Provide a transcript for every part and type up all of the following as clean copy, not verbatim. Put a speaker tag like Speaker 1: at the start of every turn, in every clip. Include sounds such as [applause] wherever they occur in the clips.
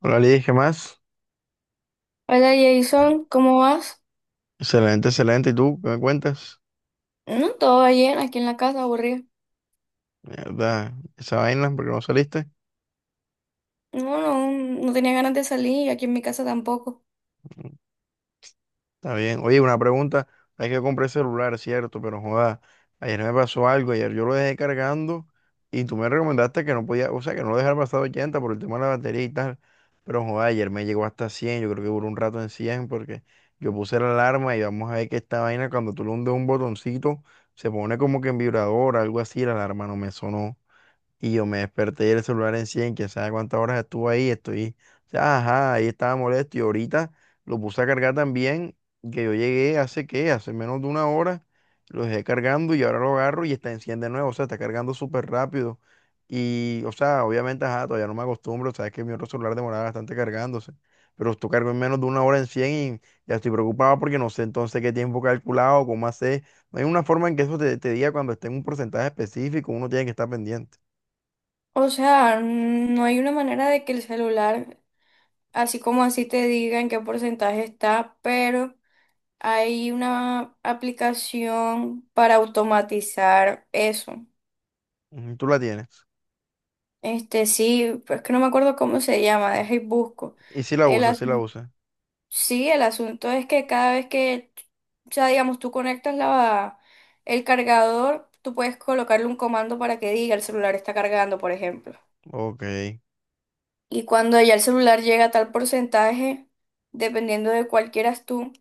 Speaker 1: Hola, Liz, ¿qué más?
Speaker 2: Hola Jason, ¿cómo vas?
Speaker 1: Excelente, excelente. ¿Y tú qué me cuentas?
Speaker 2: No, todo bien, aquí en la casa, aburrido.
Speaker 1: Mierda, esa vaina, ¿porque no saliste?
Speaker 2: No, no, no tenía ganas de salir y aquí en mi casa tampoco.
Speaker 1: Está bien. Oye, una pregunta. Hay que comprar celular, cierto, pero joda, ayer me pasó algo. Ayer yo lo dejé cargando y tú me recomendaste que no podía, o sea, que no lo dejara pasar 80 por el tema de la batería y tal. Pero joda, ayer me llegó hasta 100. Yo creo que duró un rato en 100 porque yo puse la alarma y vamos a ver que esta vaina, cuando tú le hundes un botoncito, se pone como que en vibrador, algo así. La alarma no me sonó. Y yo me desperté y el celular en 100, quién sabe cuántas horas estuvo ahí, estoy, o sea, ajá, ahí estaba molesto y ahorita lo puse a cargar también, que yo llegué hace qué, hace menos de una hora, lo dejé cargando y ahora lo agarro y está en 100 de nuevo, o sea, está cargando súper rápido. Y, o sea, obviamente, ajá, todavía no me acostumbro, sabes que mi otro celular demoraba bastante cargándose, pero esto cargo en menos de una hora en 100 y ya estoy preocupado porque no sé entonces qué tiempo calculado, cómo hacer. No hay una forma en que eso te diga cuando esté en un porcentaje específico, uno tiene que estar pendiente.
Speaker 2: O sea, no hay una manera de que el celular, así como así te diga en qué porcentaje está, pero hay una aplicación para automatizar eso.
Speaker 1: Ujú, tú la tienes.
Speaker 2: Este sí, pero es que no me acuerdo cómo se llama, deja y busco.
Speaker 1: Y si la
Speaker 2: El
Speaker 1: usas, si la
Speaker 2: asunto.
Speaker 1: usas.
Speaker 2: Sí, el asunto es que cada vez que, o sea, digamos, tú conectas el cargador, tú puedes colocarle un comando para que diga el celular está cargando, por ejemplo.
Speaker 1: Ok.
Speaker 2: Y cuando ya el celular llega a tal porcentaje, dependiendo de cuál quieras tú,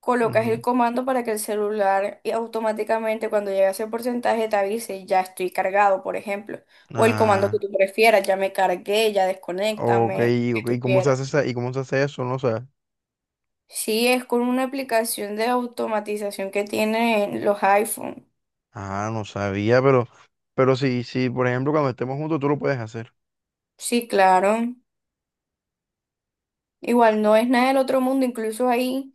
Speaker 2: colocas el
Speaker 1: Ujú.
Speaker 2: comando para que el celular y automáticamente cuando llega a ese porcentaje te avise, ya estoy cargado, por ejemplo. O el comando que
Speaker 1: Ah,
Speaker 2: tú prefieras, ya me cargué, ya
Speaker 1: ok,
Speaker 2: desconéctame, lo que
Speaker 1: ok.
Speaker 2: tú
Speaker 1: ¿Y cómo se
Speaker 2: quieras.
Speaker 1: hace y cómo se hace eso? No sé.
Speaker 2: Sí, es con una aplicación de automatización que tienen los iPhone.
Speaker 1: Ah, no sabía, pero, sí, sí, por ejemplo, cuando estemos juntos, tú lo puedes hacer.
Speaker 2: Sí, claro. Igual no es nada del otro mundo, incluso ahí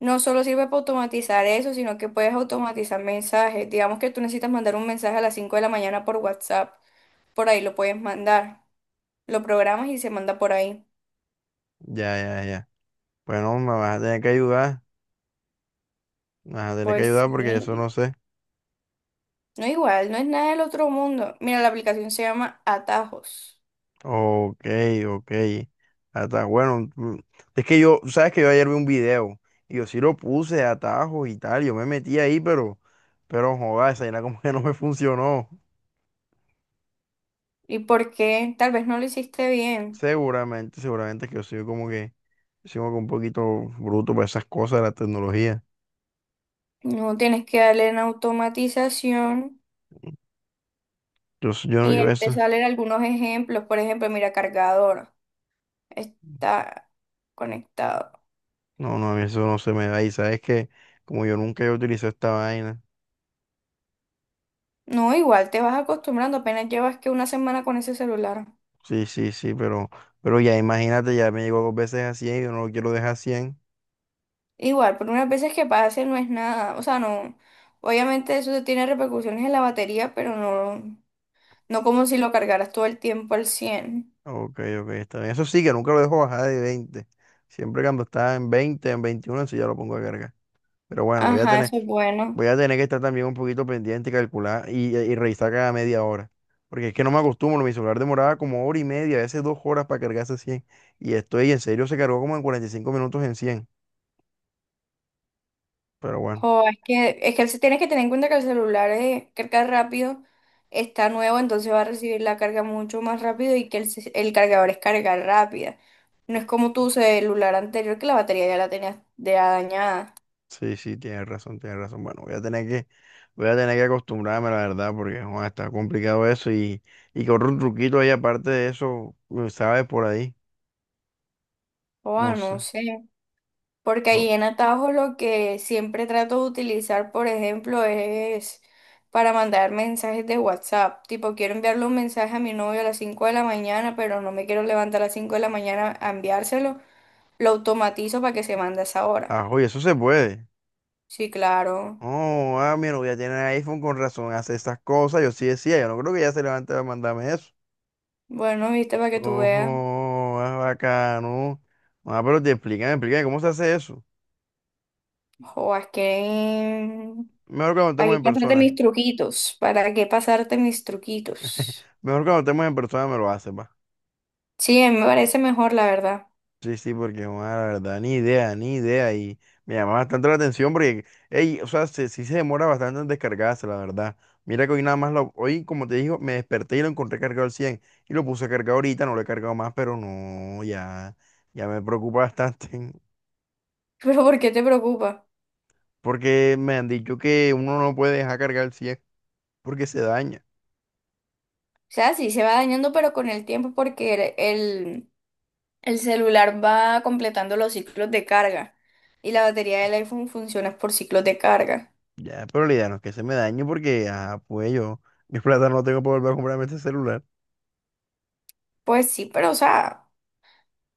Speaker 2: no solo sirve para automatizar eso, sino que puedes automatizar mensajes. Digamos que tú necesitas mandar un mensaje a las 5 de la mañana por WhatsApp, por ahí lo puedes mandar. Lo programas y se manda por ahí.
Speaker 1: Ya, ya, ya. Bueno, me vas a tener que ayudar. Me vas a tener que
Speaker 2: Pues
Speaker 1: ayudar porque eso
Speaker 2: sí,
Speaker 1: no sé.
Speaker 2: no igual, no es nada del otro mundo. Mira, la aplicación se llama Atajos.
Speaker 1: Ok, ok. Hasta bueno. Es que yo, sabes que yo ayer vi un video y yo sí lo puse de atajos y tal. Yo me metí ahí, pero, joder, esa vaina como que no me funcionó.
Speaker 2: ¿Y por qué? Tal vez no lo hiciste bien.
Speaker 1: Seguramente, seguramente que yo soy como que un poquito bruto para esas cosas de la tecnología.
Speaker 2: No tienes que darle en automatización
Speaker 1: Yo, yo no,
Speaker 2: y
Speaker 1: yo
Speaker 2: ahí te
Speaker 1: eso,
Speaker 2: salen algunos ejemplos. Por ejemplo, mira, cargador está conectado.
Speaker 1: no, no, a mí eso no se me da. Y sabes que, como yo nunca he utilizado esta vaina,
Speaker 2: No, igual te vas acostumbrando, apenas llevas que una semana con ese celular.
Speaker 1: sí, sí, sí, pero ya imagínate, ya me llegó dos veces a 100 y yo no lo quiero dejar a 100.
Speaker 2: Igual, por unas veces que pase no es nada. O sea, no. Obviamente eso tiene repercusiones en la batería, pero no como si lo cargaras todo el tiempo al cien.
Speaker 1: Ok, ok, está bien. Eso sí, que nunca lo dejo bajar de 20. Siempre cuando está en 20, en 21 sí ya lo pongo a cargar. Pero bueno, voy a
Speaker 2: Ajá,
Speaker 1: tener,
Speaker 2: eso es bueno.
Speaker 1: voy a tener que estar también un poquito pendiente y calcular y revisar cada media hora. Porque es que no me acostumbro, mi celular demoraba como hora y media, a veces 2 horas para cargarse 100. Y estoy en serio, se cargó como en 45 minutos en 100. Pero bueno,
Speaker 2: O es que, tienes que tener en cuenta que el celular es carga rápido, está nuevo, entonces va a recibir la carga mucho más rápido y que el cargador es carga rápida. No es como tu celular anterior que la batería ya la tenías de dañada.
Speaker 1: sí, sí, tienes razón, tienes razón. Bueno, voy a tener que acostumbrarme, la verdad, porque joder, está complicado eso. Y corre un truquito ahí aparte de eso, ¿sabes? Por ahí.
Speaker 2: O
Speaker 1: No
Speaker 2: ah, no
Speaker 1: sé.
Speaker 2: sé. Porque
Speaker 1: No.
Speaker 2: ahí en Atajo lo que siempre trato de utilizar, por ejemplo, es para mandar mensajes de WhatsApp. Tipo, quiero enviarle un mensaje a mi novio a las 5 de la mañana, pero no me quiero levantar a las 5 de la mañana a enviárselo. Lo automatizo para que se mande a esa hora.
Speaker 1: Ajo, y eso se puede.
Speaker 2: Sí, claro.
Speaker 1: Oh, ah, mi novia tiene iPhone con razón, hace esas cosas. Yo sí decía, yo no creo que ella se levante a mandarme eso.
Speaker 2: Bueno, viste, para que tú veas.
Speaker 1: Ojo, es bacano. Ah, pero te explícame explican cómo se hace eso.
Speaker 2: O es que...
Speaker 1: Mejor cuando
Speaker 2: ¿Para
Speaker 1: estemos
Speaker 2: qué
Speaker 1: en
Speaker 2: pasarte mis
Speaker 1: persona.
Speaker 2: truquitos? ¿Para qué pasarte mis truquitos?
Speaker 1: Mejor cuando estemos en persona me lo haces, va.
Speaker 2: Sí, a mí me parece mejor, la verdad.
Speaker 1: Sí, sí, porque bueno, la verdad, ni idea, ni idea. Y me llama bastante la atención porque, ey, o sea, sí se demora bastante en descargarse, la verdad. Mira que hoy nada más hoy, como te digo, me desperté y lo encontré cargado al 100 y lo puse a cargar ahorita, no lo he cargado más, pero no, ya, ya me preocupa bastante [laughs]
Speaker 2: [laughs] Pero ¿por qué te preocupa?
Speaker 1: porque me han dicho que uno no puede dejar cargar el 100 porque se daña.
Speaker 2: O sea, sí, se va dañando, pero con el tiempo porque el celular va completando los ciclos de carga. Y la batería del iPhone funciona por ciclos de carga.
Speaker 1: Ya, pero la idea no es que se me dañe porque, ah, pues yo, mis plata no tengo para volver a comprarme este celular.
Speaker 2: Pues sí, pero o sea...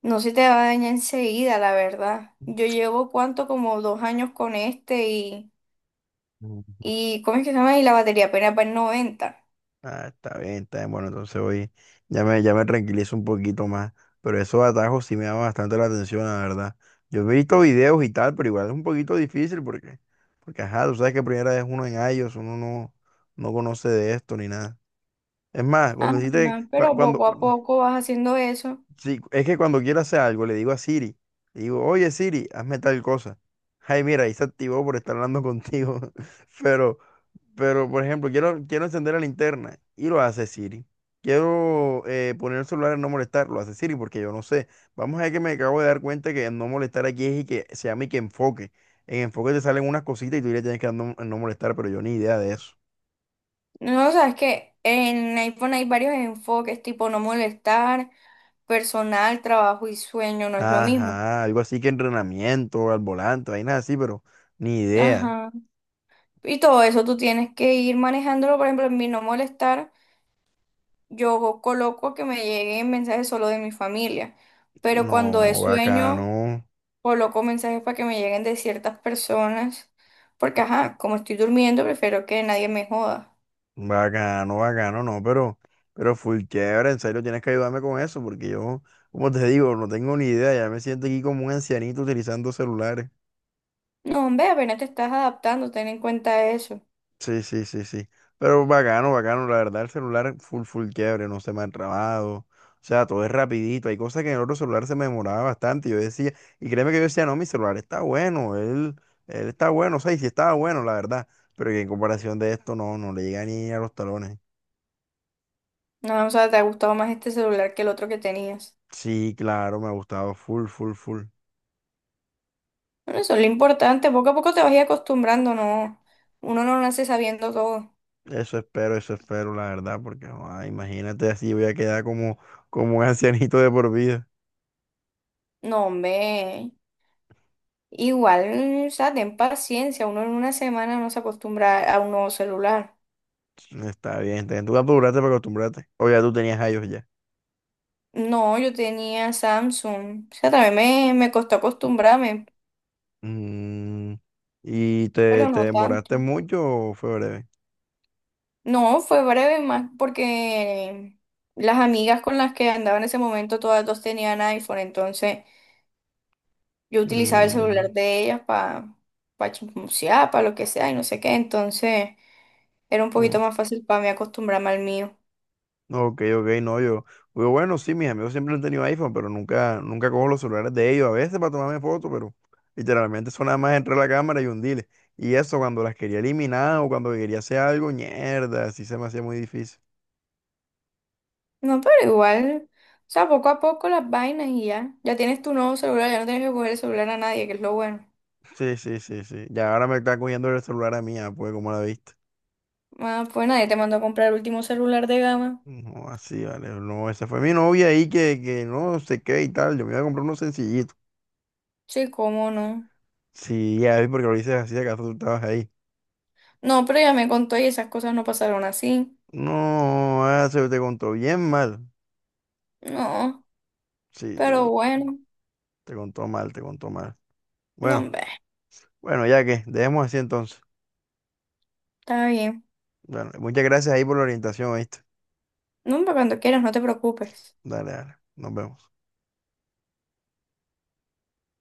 Speaker 2: No se te va a dañar enseguida, la verdad. Yo llevo cuánto, como 2 años con este y ¿cómo es que se llama? Y la batería apenas va en 90.
Speaker 1: Ah, está bien, está bien. Bueno, entonces hoy ya me tranquilizo un poquito más. Pero esos atajos sí me llaman bastante la atención, la verdad. Yo he visto videos y tal, pero igual es un poquito difícil porque, ajá, tú sabes que primera vez uno en iOS, uno no conoce de esto ni nada. Es más,
Speaker 2: Ajá,
Speaker 1: cuando hiciste,
Speaker 2: pero
Speaker 1: cuando,
Speaker 2: poco a poco vas haciendo eso.
Speaker 1: sí, es que cuando quiero hacer algo, le digo a Siri, le digo, oye Siri, hazme tal cosa. Ay, mira, ahí se activó por estar hablando contigo. [laughs] Pero, pero por ejemplo, quiero encender la linterna y lo hace Siri. Quiero poner el celular en no molestar, lo hace Siri porque yo no sé. Vamos a ver que me acabo de dar cuenta que en no molestar aquí es y que se llama y que enfoque. En enfoque te salen unas cositas y tú le tienes que dar no, en no molestar, pero yo ni idea de eso.
Speaker 2: No, o sea, es que en iPhone hay varios enfoques, tipo no molestar, personal, trabajo y sueño, no es lo mismo.
Speaker 1: Ajá, algo así que entrenamiento al volante, vainas así, pero ni idea.
Speaker 2: Ajá. Y todo eso tú tienes que ir manejándolo, por ejemplo, en mi no molestar, yo coloco que me lleguen mensajes solo de mi familia, pero cuando es
Speaker 1: No,
Speaker 2: sueño...
Speaker 1: bacano,
Speaker 2: coloco mensajes para que me lleguen de ciertas personas, porque ajá, como estoy durmiendo, prefiero que nadie me joda.
Speaker 1: bacano, bacano, no, pero full chévere, en serio tienes que ayudarme con eso, porque yo, como te digo, no tengo ni idea, ya me siento aquí como un ancianito utilizando celulares.
Speaker 2: No, hombre, apenas te estás adaptando, ten en cuenta eso.
Speaker 1: Sí, sí, sí, sí. Pero bacano, bacano, la verdad, el celular full, full quiebre, no se me ha trabado. O sea, todo es rapidito. Hay cosas que en el otro celular se me demoraba bastante. Yo decía, y créeme que yo decía, no, mi celular está bueno, él está bueno, o sea, y sí estaba bueno, la verdad. Pero que en comparación de esto, no, no le llega ni a los talones.
Speaker 2: No, o sea, te ha gustado más este celular que el otro que tenías.
Speaker 1: Sí, claro, me ha gustado full, full, full.
Speaker 2: Bueno, eso es lo importante, poco a poco te vas a ir acostumbrando, no, uno no nace sabiendo todo.
Speaker 1: Eso espero, la verdad, porque joda, imagínate así voy a quedar como, un ancianito de por vida.
Speaker 2: No, hombre, igual, o sea, ten paciencia, uno en una semana no se acostumbra a un nuevo celular.
Speaker 1: Está bien, está bien. Tú apuraste para acostumbrarte. O ya tú tenías a ellos ya.
Speaker 2: No, yo tenía Samsung, o sea, también me costó acostumbrarme,
Speaker 1: Mm, ¿Y te,
Speaker 2: pero
Speaker 1: te
Speaker 2: no tanto.
Speaker 1: demoraste mucho o fue breve?
Speaker 2: No, fue breve más porque las amigas con las que andaba en ese momento todas dos tenían iPhone, entonces yo utilizaba el
Speaker 1: Mm,
Speaker 2: celular de ellas para pa chismosear, para lo que sea y no sé qué, entonces era un poquito más fácil para mí acostumbrarme al mío.
Speaker 1: Ok, ok, no, yo, bueno, sí, mis amigos siempre han tenido iPhone, pero nunca, nunca cojo los celulares de ellos, a veces para tomarme fotos, pero literalmente son nada más entre la cámara y hundirle. Y eso cuando las quería eliminar o cuando quería hacer algo, mierda, así se me hacía muy difícil.
Speaker 2: No, pero igual, o sea, poco a poco las vainas y ya, ya tienes tu nuevo celular, ya no tienes que coger el celular a nadie, que es lo bueno.
Speaker 1: Sí, sí, sí, sí. Ya ahora me está cogiendo el celular a mí, ah, pues, como la viste?
Speaker 2: Ah, pues nadie te mandó a comprar el último celular de gama.
Speaker 1: No, así, vale, no, esa fue mi novia ahí que no sé qué y tal, yo me iba a comprar uno sencillito.
Speaker 2: Sí, cómo no.
Speaker 1: Sí, ya vi porque lo dices así, acaso tú estabas ahí.
Speaker 2: No, pero ya me contó y esas cosas no pasaron así.
Speaker 1: No, ah, se te contó bien mal.
Speaker 2: No.
Speaker 1: Sí, te
Speaker 2: Pero
Speaker 1: contó.
Speaker 2: bueno,
Speaker 1: Te contó mal, te contó mal.
Speaker 2: no,
Speaker 1: Bueno,
Speaker 2: hombre,
Speaker 1: bueno, ya que, dejemos así entonces.
Speaker 2: está bien.
Speaker 1: Bueno, muchas gracias ahí por la orientación, ¿viste?
Speaker 2: No, hombre, cuando quieras, no te preocupes.
Speaker 1: Dale, dale. Nos vemos.